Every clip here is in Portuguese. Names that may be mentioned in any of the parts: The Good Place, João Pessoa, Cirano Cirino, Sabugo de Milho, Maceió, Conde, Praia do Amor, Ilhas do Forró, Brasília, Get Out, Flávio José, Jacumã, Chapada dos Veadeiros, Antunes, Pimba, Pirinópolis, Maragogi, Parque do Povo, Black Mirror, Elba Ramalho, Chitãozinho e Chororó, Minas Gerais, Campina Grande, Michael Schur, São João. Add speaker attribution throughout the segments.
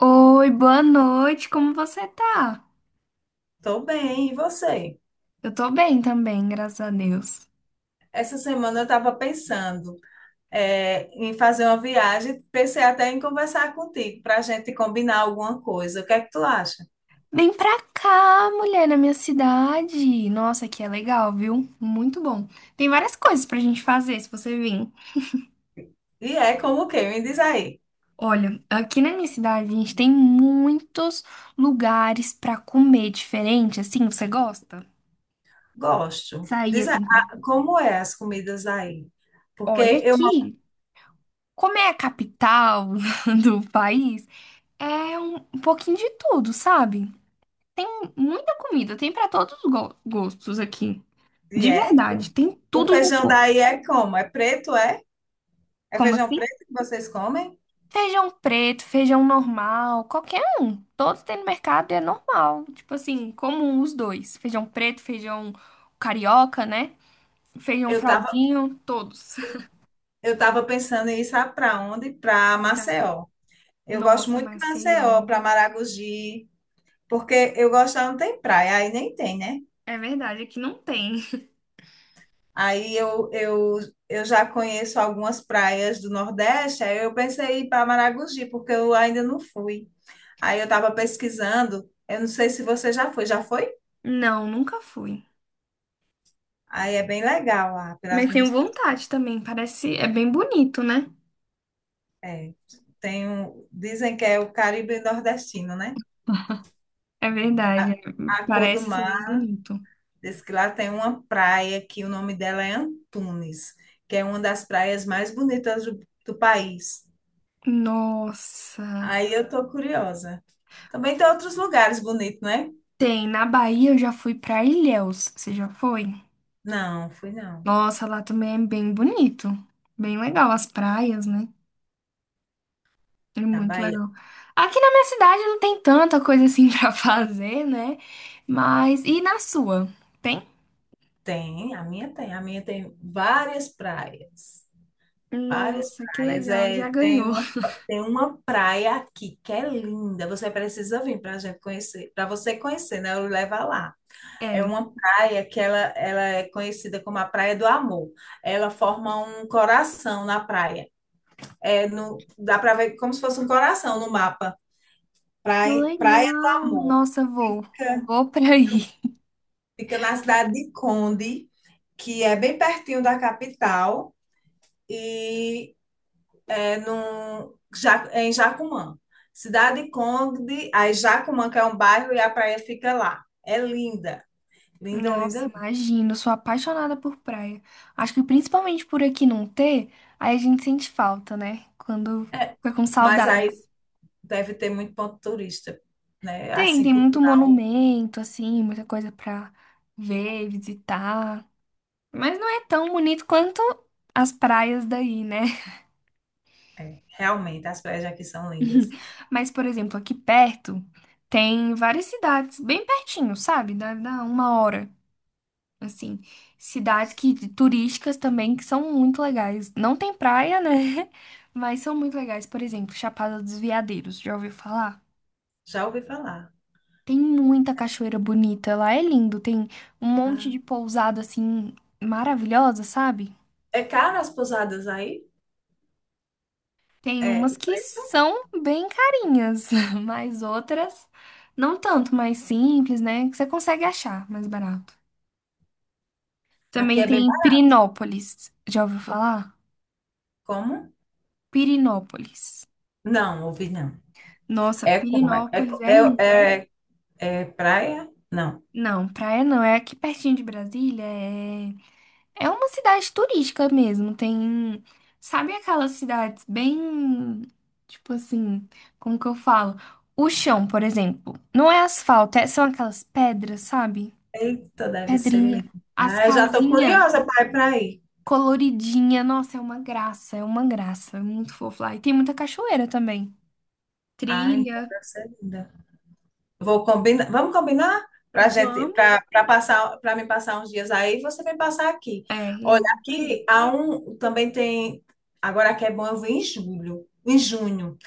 Speaker 1: Oi, boa noite, como você tá?
Speaker 2: Tô bem, e você?
Speaker 1: Eu tô bem também, graças a Deus.
Speaker 2: Essa semana eu estava pensando em fazer uma viagem, pensei até em conversar contigo para a gente combinar alguma coisa. O que é que tu acha?
Speaker 1: Vem pra cá, mulher, na minha cidade. Nossa, aqui é legal, viu? Muito bom. Tem várias coisas pra gente fazer se você vir.
Speaker 2: E é como o quê? Me diz aí.
Speaker 1: Olha, aqui na minha cidade a gente tem muitos lugares pra comer diferente, assim, você gosta?
Speaker 2: Gosto.
Speaker 1: Sair
Speaker 2: Diz aí,
Speaker 1: assim, pra...
Speaker 2: ah, como é as comidas aí?
Speaker 1: olha
Speaker 2: Porque eu
Speaker 1: aqui. Como é a capital do país, é um pouquinho de tudo, sabe? Tem muita comida, tem pra todos os gostos aqui.
Speaker 2: e
Speaker 1: De
Speaker 2: é.
Speaker 1: verdade, tem
Speaker 2: O
Speaker 1: tudo um
Speaker 2: feijão
Speaker 1: pouco.
Speaker 2: daí é como? É preto, é? É
Speaker 1: Como
Speaker 2: feijão
Speaker 1: assim?
Speaker 2: preto que vocês comem?
Speaker 1: Feijão preto, feijão normal, qualquer um. Todos tem no mercado e é normal. Tipo assim, comum os dois. Feijão preto, feijão carioca, né? Feijão
Speaker 2: Eu tava,
Speaker 1: fraldinho, todos.
Speaker 2: eu tava pensando em ir sabe para onde? Para
Speaker 1: Fralda.
Speaker 2: Maceió. Eu gosto
Speaker 1: Nossa,
Speaker 2: muito de Maceió,
Speaker 1: Maceió.
Speaker 2: para Maragogi. Porque eu gosto, lá não tem praia, aí nem tem, né?
Speaker 1: É verdade, aqui não tem.
Speaker 2: Aí eu já conheço algumas praias do Nordeste, aí eu pensei em ir para Maragogi, porque eu ainda não fui. Aí eu estava pesquisando, eu não sei se você já foi, já foi?
Speaker 1: Não, nunca fui.
Speaker 2: Aí é bem legal lá, pelas
Speaker 1: Mas tenho
Speaker 2: minhas.
Speaker 1: vontade também. Parece, é bem bonito, né?
Speaker 2: É, dizem que é o Caribe nordestino, né?
Speaker 1: É verdade, é-
Speaker 2: A, a cor do
Speaker 1: parece ser bem
Speaker 2: mar,
Speaker 1: bonito.
Speaker 2: diz que lá tem uma praia que o nome dela é Antunes, que é uma das praias mais bonitas do país.
Speaker 1: Nossa.
Speaker 2: Aí eu tô curiosa. Também tem outros lugares bonitos, não é?
Speaker 1: Tem, na Bahia eu já fui pra Ilhéus. Você já foi?
Speaker 2: Não, fui não.
Speaker 1: Nossa, lá também é bem bonito. Bem legal as praias, né? É
Speaker 2: Na
Speaker 1: muito
Speaker 2: Bahia
Speaker 1: legal. Aqui na minha cidade não tem tanta coisa assim pra fazer, né? Mas e na sua? Tem?
Speaker 2: tem, a minha tem várias praias. Várias
Speaker 1: Nossa, que
Speaker 2: praias.
Speaker 1: legal.
Speaker 2: É,
Speaker 1: Já
Speaker 2: tem
Speaker 1: ganhou.
Speaker 2: uma, tem uma praia aqui que é linda. Você precisa vir para a gente conhecer, para você conhecer, né? Eu levo lá. É
Speaker 1: É.
Speaker 2: uma praia que ela é conhecida como a Praia do Amor. Ela forma um coração na praia. É no, Dá para ver como se fosse um coração no mapa.
Speaker 1: Que
Speaker 2: Praia, Praia do
Speaker 1: legal.
Speaker 2: Amor.
Speaker 1: Nossa, vou.
Speaker 2: Fica,
Speaker 1: Vou pra aí.
Speaker 2: fica na cidade de Conde, que é bem pertinho da capital e é em Jacumã. Cidade de Conde, aí Jacumã, que é um bairro, e a praia fica lá. É linda, linda, linda,
Speaker 1: Nossa,
Speaker 2: linda.
Speaker 1: imagino, eu sou apaixonada por praia. Acho que principalmente por aqui não ter, aí a gente sente falta, né? Quando
Speaker 2: É,
Speaker 1: fica com
Speaker 2: mas
Speaker 1: saudade.
Speaker 2: aí deve ter muito ponto turista, né?
Speaker 1: Tem,
Speaker 2: Assim,
Speaker 1: tem muito
Speaker 2: cultural.
Speaker 1: monumento, assim, muita coisa pra ver, visitar. Mas não é tão bonito quanto as praias daí, né?
Speaker 2: É, realmente, as praias aqui são lindas.
Speaker 1: Mas, por exemplo, aqui perto tem várias cidades, bem pertinho, sabe? Dá uma hora. Assim, cidades que turísticas também que são muito legais. Não tem praia, né? Mas são muito legais. Por exemplo, Chapada dos Veadeiros, já ouviu falar?
Speaker 2: Já ouvi falar.
Speaker 1: Tem muita cachoeira bonita, lá é lindo, tem um monte
Speaker 2: Ah.
Speaker 1: de pousada assim maravilhosa, sabe?
Speaker 2: É caro as pousadas aí?
Speaker 1: Tem
Speaker 2: É,
Speaker 1: umas
Speaker 2: o
Speaker 1: que
Speaker 2: preço?
Speaker 1: são bem carinhas, mas outras não tanto, mais simples, né? Que você consegue achar mais barato.
Speaker 2: Aqui
Speaker 1: Também
Speaker 2: é bem
Speaker 1: tem
Speaker 2: barato.
Speaker 1: Pirinópolis, já ouviu falar?
Speaker 2: Como?
Speaker 1: Pirinópolis.
Speaker 2: Não, ouvi não.
Speaker 1: Nossa,
Speaker 2: É como?
Speaker 1: Pirinópolis é lindo.
Speaker 2: É, é, é praia? Não.
Speaker 1: Não, praia não, é aqui pertinho de Brasília, é, é uma cidade turística mesmo. Tem, sabe aquelas cidades bem, tipo assim, como que eu falo? O chão, por exemplo, não é asfalto, é- são aquelas pedras, sabe?
Speaker 2: Eita, deve ser
Speaker 1: Pedrinha.
Speaker 2: linda.
Speaker 1: As
Speaker 2: Ah, eu já estou
Speaker 1: casinhas
Speaker 2: curiosa para ir para aí.
Speaker 1: coloridinha, nossa, é uma graça, é uma graça, é muito fofo lá. E tem muita cachoeira também.
Speaker 2: Ah, então
Speaker 1: Trilha.
Speaker 2: deve ser linda. Vou combinar, vamos combinar para gente,
Speaker 1: Vamos.
Speaker 2: para passar, para me passar uns dias aí, você vem passar aqui.
Speaker 1: É,
Speaker 2: Olha,
Speaker 1: eu vou por aí.
Speaker 2: aqui há um, também tem, agora aqui é bom eu vir em julho, em junho,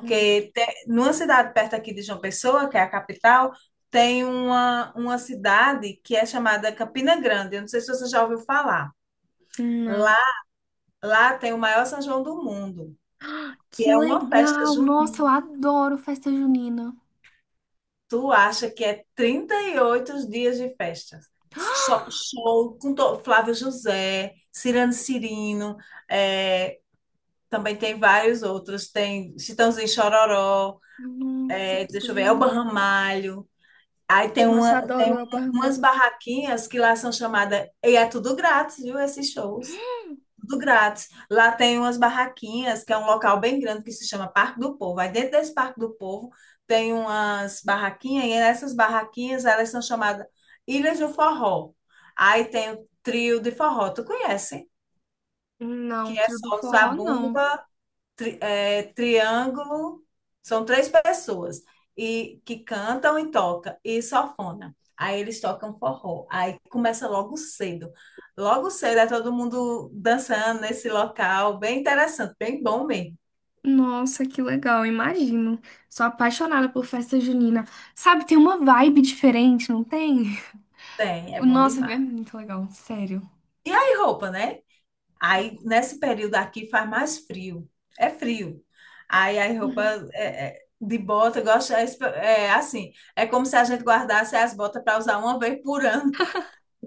Speaker 1: Hum.
Speaker 2: numa cidade perto aqui de João Pessoa, que é a capital, tem uma cidade que é chamada Campina Grande. Eu não sei se você já ouviu falar. Lá,
Speaker 1: Não.
Speaker 2: lá tem o maior São João do mundo, que
Speaker 1: Que
Speaker 2: é uma festa
Speaker 1: legal! Nossa, eu
Speaker 2: junina.
Speaker 1: adoro festa junina.
Speaker 2: Tu acha que é 38 dias de festa? Show, Flávio José, Cirano Cirino, é, também tem vários outros. Tem Chitãozinho e Chororó,
Speaker 1: Nossa, que
Speaker 2: deixa eu ver,
Speaker 1: legal.
Speaker 2: Elba Ramalho. Aí tem,
Speaker 1: Nossa,
Speaker 2: uma,
Speaker 1: adoro o
Speaker 2: tem
Speaker 1: Elba
Speaker 2: umas
Speaker 1: Ramalho.
Speaker 2: barraquinhas que lá são chamadas. E é tudo grátis, viu? Esses shows. Tudo grátis. Lá tem umas barraquinhas, que é um local bem grande que se chama Parque do Povo. Aí dentro desse Parque do Povo tem umas barraquinhas, e essas barraquinhas elas são chamadas Ilhas do Forró. Aí tem o trio de forró, tu conhece?
Speaker 1: Não,
Speaker 2: Que é
Speaker 1: trio do
Speaker 2: só os
Speaker 1: forró não.
Speaker 2: zabumba, triângulo, são três pessoas e que cantam e tocam e sanfona. Aí eles tocam forró. Aí começa logo cedo. Logo cedo é todo mundo dançando nesse local, bem interessante, bem bom mesmo.
Speaker 1: Nossa, que legal, imagino. Sou apaixonada por festa junina. Sabe, tem uma vibe diferente, não tem?
Speaker 2: Tem, é
Speaker 1: O
Speaker 2: bom
Speaker 1: nossa, é
Speaker 2: demais.
Speaker 1: muito legal, sério.
Speaker 2: E aí roupa, né? Aí nesse período aqui faz mais frio. É frio. Aí a roupa
Speaker 1: Uhum.
Speaker 2: de bota, eu gosto, é assim, é como se a gente guardasse as botas para usar uma vez por ano.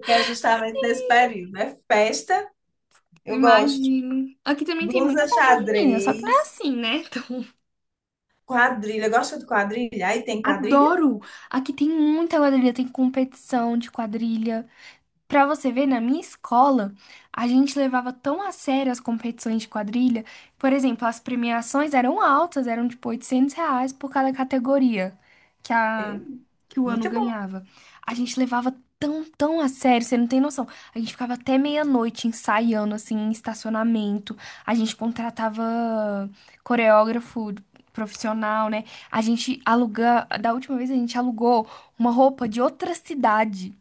Speaker 2: Que é justamente nesse período. É festa, eu gosto.
Speaker 1: Imagino. Aqui também tem muita
Speaker 2: Blusa
Speaker 1: festa junina, só que não é
Speaker 2: xadrez,
Speaker 1: assim, né? Então,
Speaker 2: quadrilha. Gosta de quadrilha? Aí tem quadrilha?
Speaker 1: adoro! Aqui tem muita quadrilha, tem competição de quadrilha. Pra você ver, na minha escola, a gente levava tão a sério as competições de quadrilha. Por exemplo, as premiações eram altas, eram tipo R$ 800 por cada categoria que, a,
Speaker 2: É,
Speaker 1: que o ano
Speaker 2: muito bom.
Speaker 1: ganhava. A gente levava tão a sério, você não tem noção. A gente ficava até meia-noite ensaiando, assim, em estacionamento. A gente contratava coreógrafo profissional, né? A gente aluga... Da última vez, a gente alugou uma roupa de outra cidade.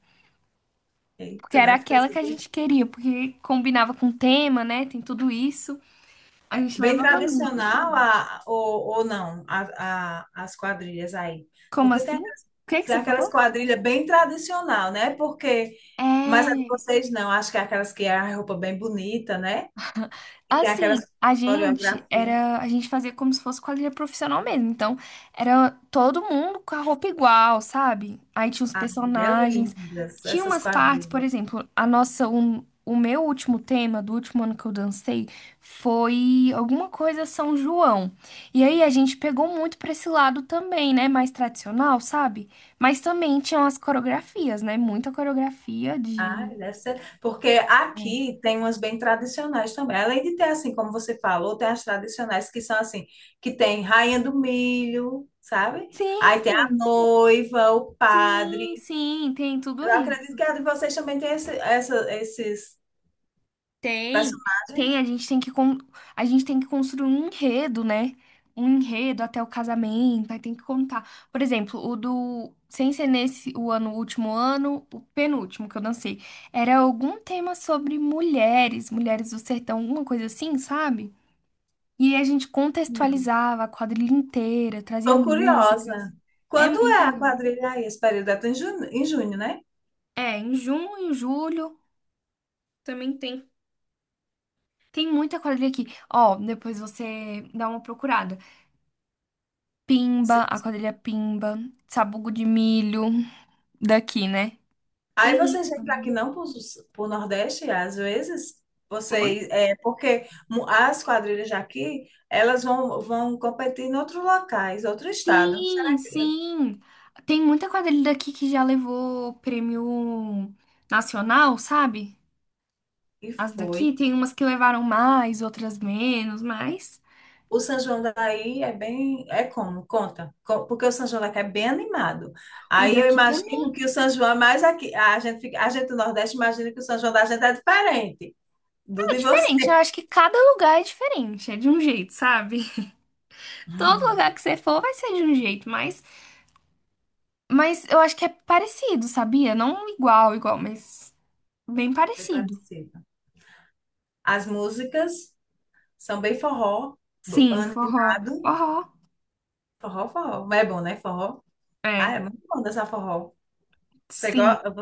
Speaker 1: Porque
Speaker 2: Eita,
Speaker 1: era
Speaker 2: deve ter
Speaker 1: aquela que
Speaker 2: sido
Speaker 1: a gente queria, porque combinava com o tema, né? Tem tudo isso. A gente
Speaker 2: bem
Speaker 1: levava muito.
Speaker 2: tradicional a, ou não a, a- as quadrilhas aí.
Speaker 1: Como
Speaker 2: Porque
Speaker 1: assim? O que que
Speaker 2: tem
Speaker 1: você
Speaker 2: aquelas
Speaker 1: falou?
Speaker 2: quadrilhas bem tradicional, né? Porque, mas a de
Speaker 1: É.
Speaker 2: vocês não, acho que é aquelas que é a roupa bem bonita, né? E tem
Speaker 1: Assim,
Speaker 2: aquelas
Speaker 1: a gente
Speaker 2: coreografia.
Speaker 1: era, a gente fazia como se fosse quadrilha profissional mesmo. Então, era todo mundo com a roupa igual, sabe? Aí tinha os
Speaker 2: Ah, é
Speaker 1: personagens,
Speaker 2: lindas
Speaker 1: tinha
Speaker 2: essas
Speaker 1: umas partes, por
Speaker 2: quadrilhas.
Speaker 1: exemplo, a nossa, um, o meu último tema do último ano que eu dancei foi alguma coisa São João. E aí a gente pegou muito pra esse lado também, né? Mais tradicional, sabe? Mas também tinham as coreografias, né? Muita coreografia
Speaker 2: Ah,
Speaker 1: de.
Speaker 2: deve ser. Porque
Speaker 1: É.
Speaker 2: aqui tem umas bem tradicionais também. Além de ter, assim, como você falou, tem as tradicionais que são assim, que tem Rainha do Milho, sabe?
Speaker 1: Sim,
Speaker 2: Aí tem a
Speaker 1: sim.
Speaker 2: noiva, o padre.
Speaker 1: Sim, sim, tem tudo
Speaker 2: Eu acredito
Speaker 1: isso.
Speaker 2: que a de vocês também tem esses
Speaker 1: Tem,
Speaker 2: personagens.
Speaker 1: tem, a gente tem que construir um enredo, né? Um enredo até o casamento, aí tem que contar. Por exemplo, o do sem ser nesse o ano, o último ano, o penúltimo que eu dancei, era algum tema sobre mulheres, mulheres do sertão, alguma coisa assim, sabe? E a gente
Speaker 2: Hum.
Speaker 1: contextualizava a quadrilha inteira, trazia
Speaker 2: Tô
Speaker 1: músicas.
Speaker 2: curiosa.
Speaker 1: É
Speaker 2: Quando
Speaker 1: muito
Speaker 2: é a
Speaker 1: legal.
Speaker 2: quadrilha aí? Esse período é em junho, né?
Speaker 1: É, em junho, em julho, também tem. Tem muita quadrilha aqui. Ó, depois você dá uma procurada. Pimba, a quadrilha Pimba, Sabugo de Milho, daqui, né? Tem
Speaker 2: Aí
Speaker 1: muita
Speaker 2: vocês vêm para
Speaker 1: quadrilha.
Speaker 2: aqui não para o Nordeste, às vezes, vocês,
Speaker 1: Oi?
Speaker 2: porque as quadrilhas aqui elas vão competir em outros locais, outro estado. Será
Speaker 1: Sim, sim. Tem muita quadrilha daqui que já levou prêmio nacional, sabe?
Speaker 2: que
Speaker 1: As
Speaker 2: foi?
Speaker 1: daqui tem umas que levaram mais, outras menos, mas
Speaker 2: O São João daí é bem, é como? Conta. Porque o São João daqui é bem animado.
Speaker 1: o
Speaker 2: Aí eu
Speaker 1: daqui
Speaker 2: imagino
Speaker 1: também
Speaker 2: que o São João é mais aqui. A gente do Nordeste imagina que o São João da gente é diferente do
Speaker 1: é
Speaker 2: de
Speaker 1: diferente. Eu
Speaker 2: você.
Speaker 1: acho que cada lugar é diferente, é de um jeito, sabe? Todo lugar que você for vai ser de um jeito, mas eu acho que é parecido, sabia? Não igual, igual, mas bem
Speaker 2: Bem
Speaker 1: parecido.
Speaker 2: parecido. As músicas. Samba e forró,
Speaker 1: Sim, forró.
Speaker 2: animado.
Speaker 1: Forró.
Speaker 2: Forró, forró. Mas é bom, né? Forró.
Speaker 1: É,
Speaker 2: Ah, é muito bom dançar forró. Você
Speaker 1: sim.
Speaker 2: gosta?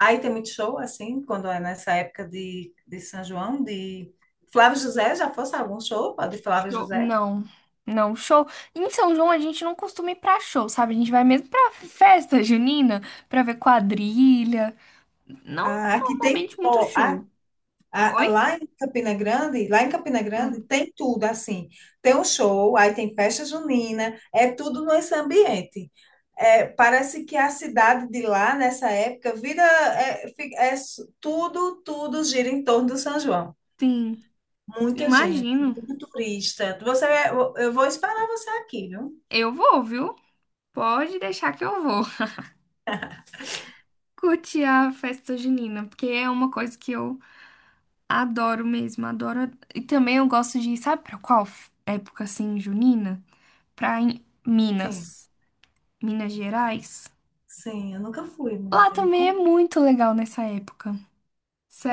Speaker 2: Aí tem muito show, assim, quando é nessa época de São João, de Flávio José, já fosse algum show de Flávio
Speaker 1: Show.
Speaker 2: José?
Speaker 1: Não, não, show. Em São João a gente não costuma ir pra show, sabe? A gente vai mesmo pra festa junina, pra ver quadrilha. Não
Speaker 2: Ah, aqui tem,
Speaker 1: normalmente muito
Speaker 2: ó,
Speaker 1: show. Oi?
Speaker 2: Lá em Campina Grande, lá em Campina
Speaker 1: Ah,
Speaker 2: Grande tem tudo assim. Tem um show, aí tem festa junina, é tudo nesse ambiente. É, parece que a cidade de lá, nessa época, vira, tudo gira em torno do São João.
Speaker 1: sim,
Speaker 2: Muita gente,
Speaker 1: imagino.
Speaker 2: muito turista. Você, eu vou esperar você aqui, viu?
Speaker 1: Eu vou, viu? Pode deixar que eu vou. Curtir a festa junina, porque é uma coisa que eu adoro mesmo, adoro. E também eu gosto de, sabe pra qual época assim, junina? Pra em
Speaker 2: Sim,
Speaker 1: Minas, Minas Gerais.
Speaker 2: sim, eu nunca fui,
Speaker 1: Lá
Speaker 2: mulher. Me
Speaker 1: também é
Speaker 2: conta.
Speaker 1: muito legal nessa época.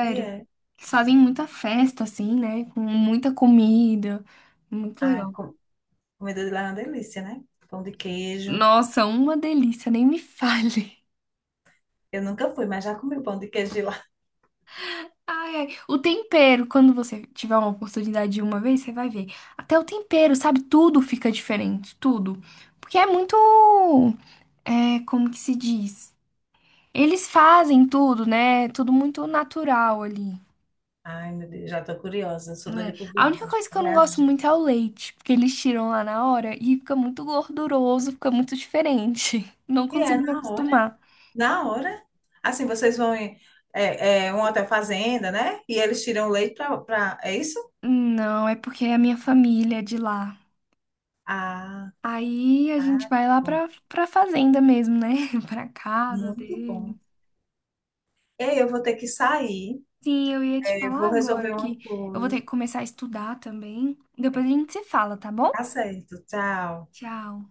Speaker 2: E é.
Speaker 1: Eles fazem muita festa assim, né? Com muita comida. Muito
Speaker 2: Ai,
Speaker 1: legal.
Speaker 2: comida de lá é uma delícia, né? Pão de queijo.
Speaker 1: Nossa, uma delícia, nem me fale.
Speaker 2: Eu nunca fui, mas já comi o pão de queijo de
Speaker 1: Ai, ai. O tempero, quando você tiver uma oportunidade de uma vez, você vai ver. Até o tempero, sabe? Tudo fica diferente, tudo. Porque é muito. É, como que se diz? Eles fazem tudo, né? Tudo muito natural ali.
Speaker 2: Ai, meu Deus, já tô curiosa, sou doida
Speaker 1: Né?
Speaker 2: por
Speaker 1: A única
Speaker 2: viagem,
Speaker 1: coisa que
Speaker 2: pra
Speaker 1: eu não gosto
Speaker 2: viajar.
Speaker 1: muito é o leite, porque eles tiram lá na hora e fica muito gorduroso, fica muito diferente. Não
Speaker 2: E é
Speaker 1: consigo me
Speaker 2: na hora,
Speaker 1: acostumar.
Speaker 2: na hora. Assim, vocês vão em um hotel fazenda, né? E eles tiram o leite pra. É isso?
Speaker 1: Não, é porque é a minha família é de lá.
Speaker 2: Ah,
Speaker 1: Aí a gente
Speaker 2: ah,
Speaker 1: vai
Speaker 2: que
Speaker 1: lá
Speaker 2: bom.
Speaker 1: pra fazenda mesmo, né? Pra casa
Speaker 2: Muito bom.
Speaker 1: dele.
Speaker 2: Ei, eu vou ter que sair,
Speaker 1: Sim, eu ia te falar
Speaker 2: vou resolver
Speaker 1: agora
Speaker 2: uma
Speaker 1: que eu vou ter
Speaker 2: coisa.
Speaker 1: que começar a estudar também. Depois a gente se fala, tá bom?
Speaker 2: Tá certo, tchau.
Speaker 1: Tchau.